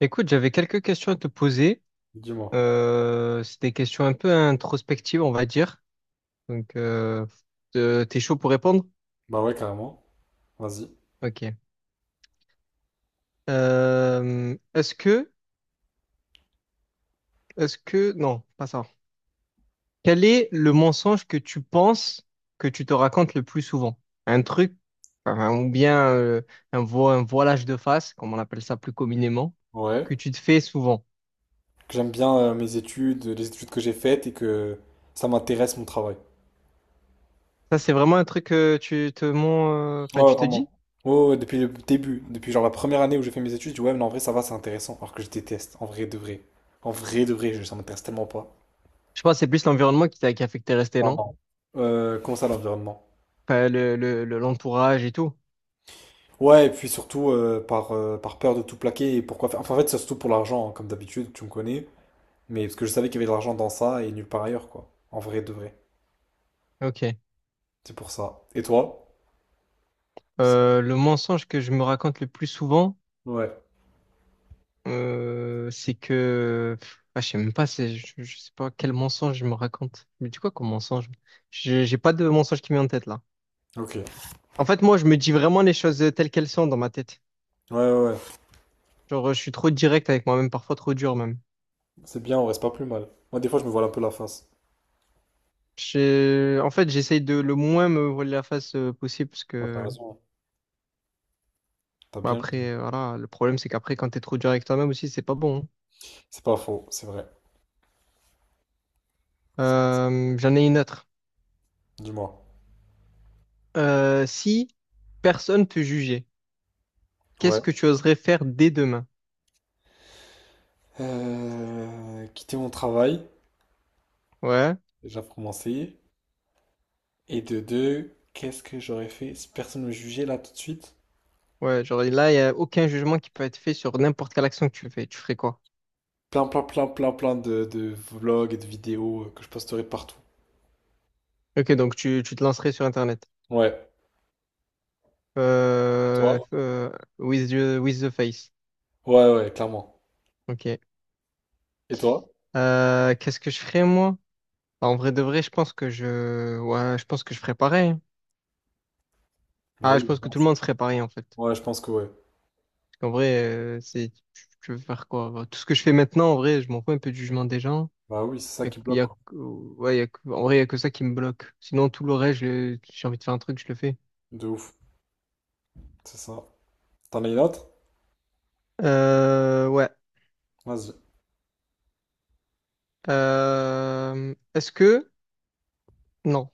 Écoute, j'avais quelques questions à te poser. Dis-moi. C'est des questions un peu introspectives, on va dire. Donc, t'es chaud pour répondre? Bah ouais, carrément. Vas-y. Ok. Euh, est-ce que, non, pas ça. Quel est le mensonge que tu penses que tu te racontes le plus souvent? Un truc, enfin, ou bien un, un voilage de face, comme on appelle ça plus communément, Ouais. que tu te fais souvent. Que J'aime bien mes études, les études que j'ai faites et que ça m'intéresse mon travail. Ça, c'est vraiment un truc que tu te mens, enfin, Ouais, tu te vraiment. dis? Ouais, ouais, depuis le début, depuis genre la première année où j'ai fait mes études, je dis ouais, mais non, en vrai, ça va, c'est intéressant. Alors que je déteste, en vrai de vrai. En vrai de vrai, ça m'intéresse tellement pas. Je pense que c'est plus l'environnement qui a fait que t'es resté, Non, non? non. Comment ça, l'environnement? Enfin, l'entourage et tout. Ouais, et puis surtout par peur de tout plaquer et pourquoi faire. Enfin, en fait, c'est surtout pour l'argent, hein, comme d'habitude, tu me connais. Mais parce que je savais qu'il y avait de l'argent dans ça et nulle part ailleurs, quoi. En vrai de vrai. Ok. C'est pour ça. Et toi? Le mensonge que je me raconte le plus souvent, Ouais, c'est que... pff, ah, je sais même pas, je sais pas quel mensonge je me raconte. Mais dis quoi comme mensonge? J'ai pas de mensonge qui me vient en tête là. ok. Ouais, En fait, moi, je me dis vraiment les choses telles qu'elles sont dans ma tête. ouais, ouais. Genre, je suis trop direct avec moi-même, parfois trop dur même. C'est bien, on reste pas plus mal. Moi, des fois, je me voile un peu la face. En fait, j'essaye de le moins me voiler la face possible parce Ouais, t'as que raison. T'as bah, bien raison. après, voilà, le problème c'est qu'après, quand t'es trop dur avec toi-même aussi, c'est pas bon, hein. C'est pas faux, c'est vrai. C'est- J'en ai une autre. Dis-moi. Si personne te jugeait, qu'est-ce Ouais. que tu oserais faire dès demain? Quitter mon travail, Ouais, déjà pour commencer. Et de deux, qu'est-ce que j'aurais fait si personne me jugeait là tout de suite? ouais, genre là, il n'y a aucun jugement qui peut être fait sur n'importe quelle action que tu fais. Tu ferais quoi? Plein, plein, plein, plein, plein de vlogs et de vidéos que je posterai partout. Ok, donc tu te lancerais sur Internet. Ouais. Et Euh, toi? euh, with the face. Ouais, ouais, clairement. Ok. Et toi? Qu'est-ce que je ferais, moi? Bah, en vrai de vrai, je pense que ouais, je pense que je ferais pareil, hein. Bah Ah, je oui, je pense que tout le pense. monde ferait pareil, en fait. Ouais, je pense que ouais. Parce qu'en vrai, c'est, tu veux faire quoi? Bah, tout ce que je fais maintenant, en vrai, je m'en fous un peu du jugement des gens. Bah oui, c'est ça qui bloque, quoi. Ouais, en vrai, il n'y a que ça qui me bloque. Sinon, tout le reste, j'ai envie de faire un truc, je le fais. De ouf. C'est ça. T'en as une autre? Ouais. Vas-y. Euh, est-ce que... Non.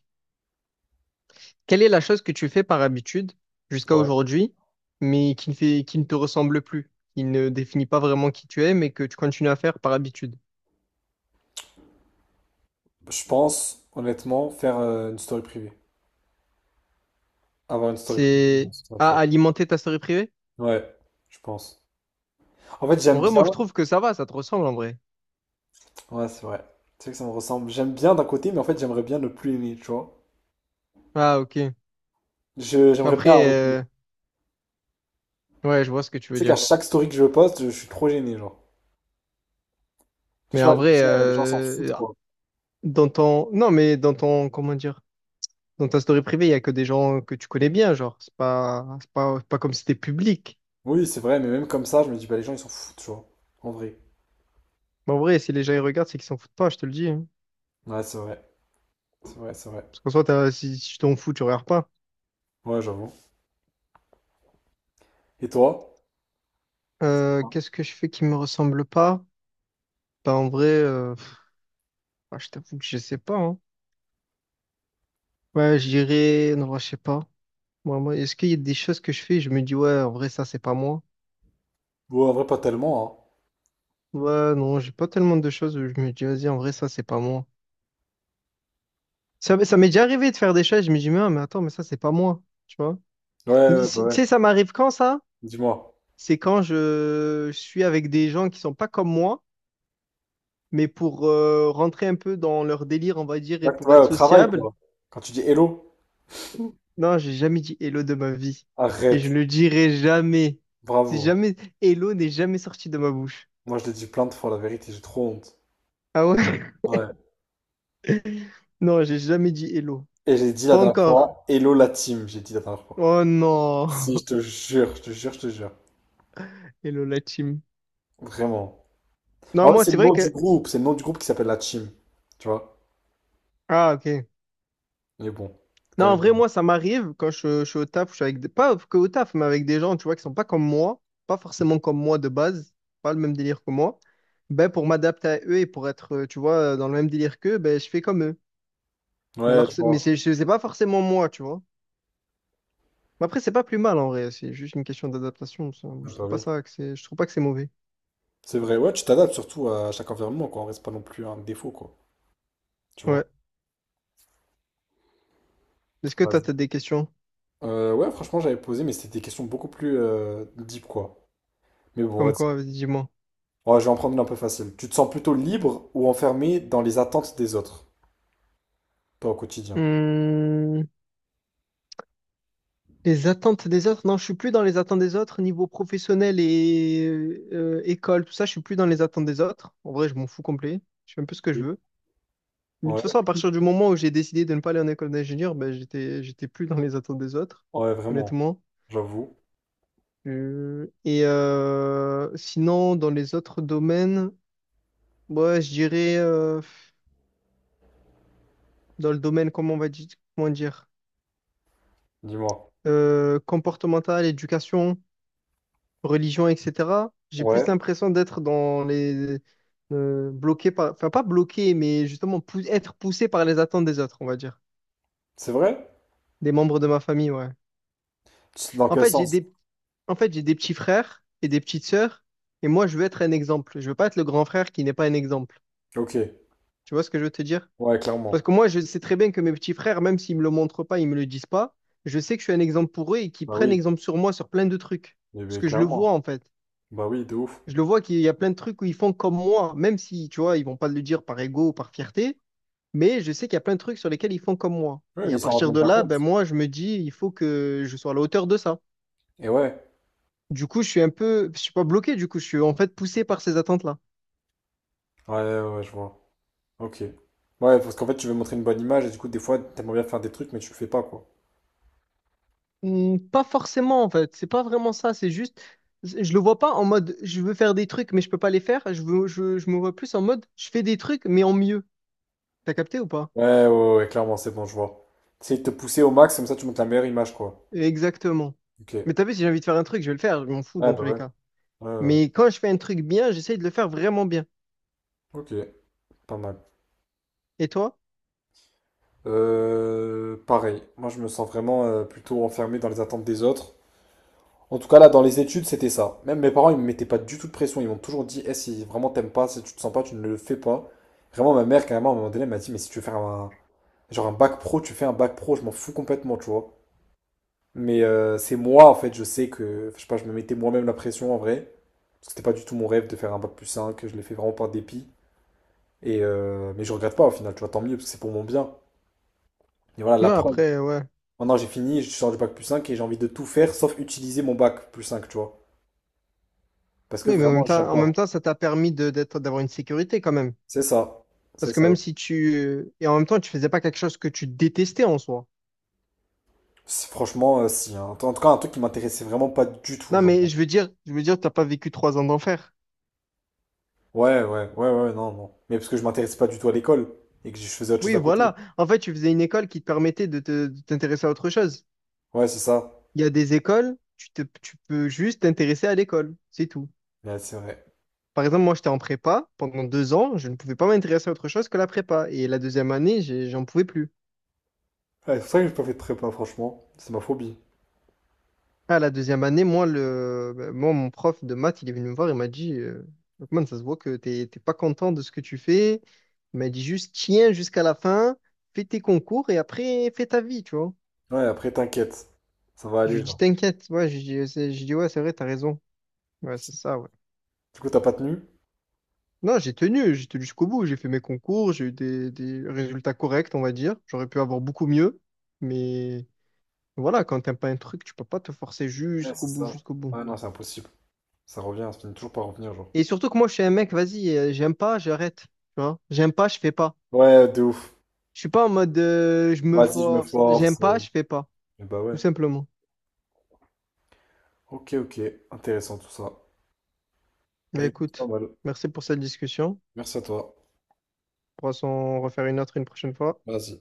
Quelle est la chose que tu fais par habitude jusqu'à Ouais. aujourd'hui, mais qui ne te ressemble plus, qui ne définit pas vraiment qui tu es, mais que tu continues à faire par habitude? Je pense, honnêtement, faire une story privée. Avoir une story privée C'est sur Snapchat. à alimenter ta story privée? Ouais, je pense. En fait, En j'aime vrai, bien. moi, je trouve que ça va, ça te ressemble en vrai. Ouais, c'est vrai. Tu sais que ça me ressemble. J'aime bien d'un côté, mais en fait, j'aimerais bien ne plus aimer, tu vois. Ah, ok. Mais J'aimerais bien après, arrêter. Tu ouais, je vois ce que tu veux sais qu'à dire. chaque story que je poste, je suis trop gêné, genre. Je sais Mais en pas, je me vrai, dis, les gens s'en foutent, quoi. dans ton... Non, mais dans ton... Comment dire? Dans ta story privée, il y a que des gens que tu connais bien, genre. C'est pas comme si c'était public. Oui, c'est vrai, mais même comme ça, je me dis, bah, les gens, ils s'en foutent, tu vois. En vrai. Mais en vrai, si les gens ils regardent, c'est qu'ils s'en foutent pas, je te le dis, hein. Ouais, c'est vrai. C'est vrai, c'est vrai. Parce qu'en soi, si tu t'en fous, tu regardes pas. Ouais, j'avoue. Et toi? Qu'est-ce que je fais qui me ressemble pas? Bah, en vrai, pff, ah, je t'avoue que je sais pas, hein. Ouais, je dirais... Non, je sais pas. Moi, est-ce qu'il y a des choses que je fais, je me dis, ouais, en vrai, ça, c'est pas moi. Ouais, en vrai, pas tellement, Ouais, non, j'ai pas tellement de choses où je me dis, vas-y, en vrai, ça, c'est pas moi. Ça m'est déjà arrivé de faire des choses, je me dis, mais, ah, mais attends, mais ça, c'est pas moi, tu vois. hein. Ouais, ouais, bah Tu ouais. sais, ça m'arrive quand ça? Dis-moi. C'est quand je suis avec des gens qui sont pas comme moi, mais pour rentrer un peu dans leur délire, on va dire, et pour Ouais, être au travail, sociable. quoi. Quand tu dis hello, Non, j'ai jamais dit hello de ma vie. Et je arrête. ne le dirai jamais. C'est Bravo. jamais, hello n'est jamais sorti de ma bouche. Moi, je l'ai dit plein de fois, la vérité, j'ai trop honte. Ah ouais? Ouais. Non, j'ai jamais dit hello. Et j'ai dit la Pas dernière encore. fois, hello la team, j'ai dit la dernière fois. Oh non. Si, je te jure, je te jure, je te jure. Hello la team. Vraiment. Ah Non, ouais, moi, c'est c'est le vrai nom du que. groupe, c'est le nom du groupe qui s'appelle la team. Tu vois? Ah, ok. Mais bon, c'est quand Non, même en bien. vrai, moi, ça m'arrive quand je suis au taf, je suis avec des... pas que au taf, mais avec des gens, tu vois, qui sont pas comme moi, pas forcément comme moi de base, pas le même délire que moi. Ben, pour m'adapter à eux et pour être, tu vois, dans le même délire qu'eux, ben, je fais comme eux. Ouais, je vois. C'est pas forcément moi, tu vois. Mais après, c'est pas plus mal, en vrai, c'est juste une question d'adaptation, ça. Ouais, bah oui. Je trouve pas que c'est mauvais. C'est vrai, ouais, tu t'adaptes surtout à chaque environnement, quoi. On reste pas non plus un défaut, quoi. Tu Ouais. vois? Est-ce que toi, Vas-y. t'as des questions? Ouais, franchement, j'avais posé, mais c'était des questions beaucoup plus deep, quoi. Mais bon, Comme vas-y. quoi, vas-y, dis-moi. Ouais, je vais en prendre une un peu facile. Tu te sens plutôt libre ou enfermé dans les attentes des autres, toi au quotidien? Hmm. Les attentes des autres? Non, je suis plus dans les attentes des autres niveau professionnel et école, tout ça. Je suis plus dans les attentes des autres. En vrai, je m'en fous complet. Je fais un peu ce que je Oui. veux. Mais de toute Ouais, façon, à partir du moment où j'ai décidé de ne pas aller en école d'ingénieur, ben, j'étais plus dans les attentes des autres, ouais, vraiment, honnêtement. j'avoue. Et sinon, dans les autres domaines, ouais, je dirais dans le domaine, comment on va dire, comment dire, Dis-moi. Comportemental, éducation, religion, etc., j'ai plus Ouais, l'impression d'être dans les... bloqué par... Enfin, pas bloqué, mais justement être poussé par les attentes des autres, on va dire. c'est vrai? Des membres de ma famille, ouais. C'est dans En quel fait, j'ai sens? des... En fait, j'ai des petits frères et des petites sœurs, et moi, je veux être un exemple. Je veux pas être le grand frère qui n'est pas un exemple. Ok. Tu vois ce que je veux te dire? Ouais, Parce clairement. que moi, je sais très bien que mes petits frères, même s'ils me le montrent pas, ils me le disent pas, je sais que je suis un exemple pour eux et qu'ils Bah prennent oui, exemple sur moi sur plein de trucs. Parce mais que je le vois, clairement. en fait. Bah oui, de ouf. Je le vois qu'il y a plein de trucs où ils font comme moi, même si, tu vois, ils vont pas le dire par ego ou par fierté, mais je sais qu'il y a plein de trucs sur lesquels ils font comme moi. Oui, Et mais à ils s'en rendent partir même de pas là, compte. ben moi, je me dis, il faut que je sois à la hauteur de ça. Et ouais. Du coup, je suis pas bloqué, du coup, je suis en fait poussé par ces attentes-là. Ouais, ouais, ouais, je vois. Ok. Ouais, parce qu'en fait, tu veux montrer une bonne image et du coup, des fois, t'aimerais bien faire des trucs, mais tu le fais pas, quoi. Hmm, pas forcément, en fait. C'est pas vraiment ça. C'est juste, je le vois pas en mode, je veux faire des trucs, mais je peux pas les faire. Je me vois plus en mode, je fais des trucs, mais en mieux. T'as capté ou pas? Ouais, ouais, ouais, ouais, clairement, c'est bon, je vois. C'est de te pousser au max, comme ça, tu montes la meilleure image, quoi. Exactement. Ok. Ouais, Mais t'as vu, si j'ai envie de faire un truc, je vais le faire. Je m'en fous bah dans tous ouais. les cas. Ouais, ouais, ouais. Mais quand je fais un truc bien, j'essaye de le faire vraiment bien. Ok, pas mal. Et toi? Pareil, moi je me sens vraiment plutôt enfermé dans les attentes des autres. En tout cas là, dans les études, c'était ça. Même mes parents, ils me mettaient pas du tout de pression. Ils m'ont toujours dit, eh, si vraiment t'aimes pas, si tu te sens pas, tu ne le fais pas. Vraiment, ma mère, carrément, à un moment donné, elle m'a dit, mais si tu veux faire un, genre un bac pro, tu fais un bac pro, je m'en fous complètement, tu vois. Mais c'est moi, en fait, je sais que, je sais pas, je me mettais moi-même la pression en vrai. Parce que c'était pas du tout mon rêve de faire un bac plus 5, je l'ai fait vraiment par dépit. Mais je regrette pas au final, tu vois, tant mieux, parce que c'est pour mon bien. Et voilà, la Non, preuve. après, ouais. Maintenant, j'ai fini, je sors du bac plus 5 et j'ai envie de tout faire sauf utiliser mon bac plus 5, tu vois. Parce que Oui, mais vraiment, j'aime en pas. même temps, ça t'a permis d'avoir une sécurité quand même. C'est ça. C'est Parce que ça. même si et en même temps, tu faisais pas quelque chose que tu détestais en soi. Franchement, si. Hein. En tout cas, un truc qui m'intéressait vraiment pas du tout, Non, genre. mais je veux dire, t'as pas vécu 3 ans d'enfer. Ouais, ouais, ouais, ouais, non, non. Mais parce que je m'intéressais pas du tout à l'école et que je faisais autre chose Oui, à côté. voilà. En fait, tu faisais une école qui te permettait de t'intéresser à autre chose. Ouais, c'est ça. Il y a des écoles, tu peux juste t'intéresser à l'école. C'est tout. Ouais, c'est vrai. Par exemple, moi, j'étais en prépa. Pendant 2 ans, je ne pouvais pas m'intéresser à autre chose que la prépa. Et la deuxième année, j'en pouvais plus. Ouais, c'est pour ça que j'ai pas fait de prépa, franchement. C'est ma phobie. À la deuxième année, moi, mon prof de maths, il est venu me voir, il m'a dit, Lokman, ça se voit que t'es pas content de ce que tu fais. Il m'a dit juste, tiens jusqu'à la fin, fais tes concours et après, fais ta vie, tu vois. Ouais, après, t'inquiète. Ça va Je aller, lui dis, genre. t'inquiète, ouais, je dis, je dis, ouais, c'est vrai, t'as raison. Ouais, c'est ça, ouais. Du coup, t'as pas tenu? Non, j'ai tenu jusqu'au bout, j'ai fait mes concours, j'ai eu des résultats corrects, on va dire. J'aurais pu avoir beaucoup mieux, mais voilà, quand t'aimes pas un truc, tu peux pas te forcer Ouais, jusqu'au c'est bout, ça. jusqu'au bout. Ouais, non, c'est impossible. Ça revient, ça finit toujours par revenir, genre. Et surtout que moi, je suis un mec, vas-y, j'aime pas, j'arrête. Tu vois? J'aime pas, je fais pas. Ouais, de ouf. Je suis pas en mode je me Vas-y, je me force. J'aime force. Pas, je fais pas. Mais bah Tout ouais. simplement. Ok, ok, intéressant tout ça. Bah Mais écoute, pas écoute, mal. merci pour cette discussion. Merci à toi. On pourra s'en refaire une autre une prochaine fois. Vas-y.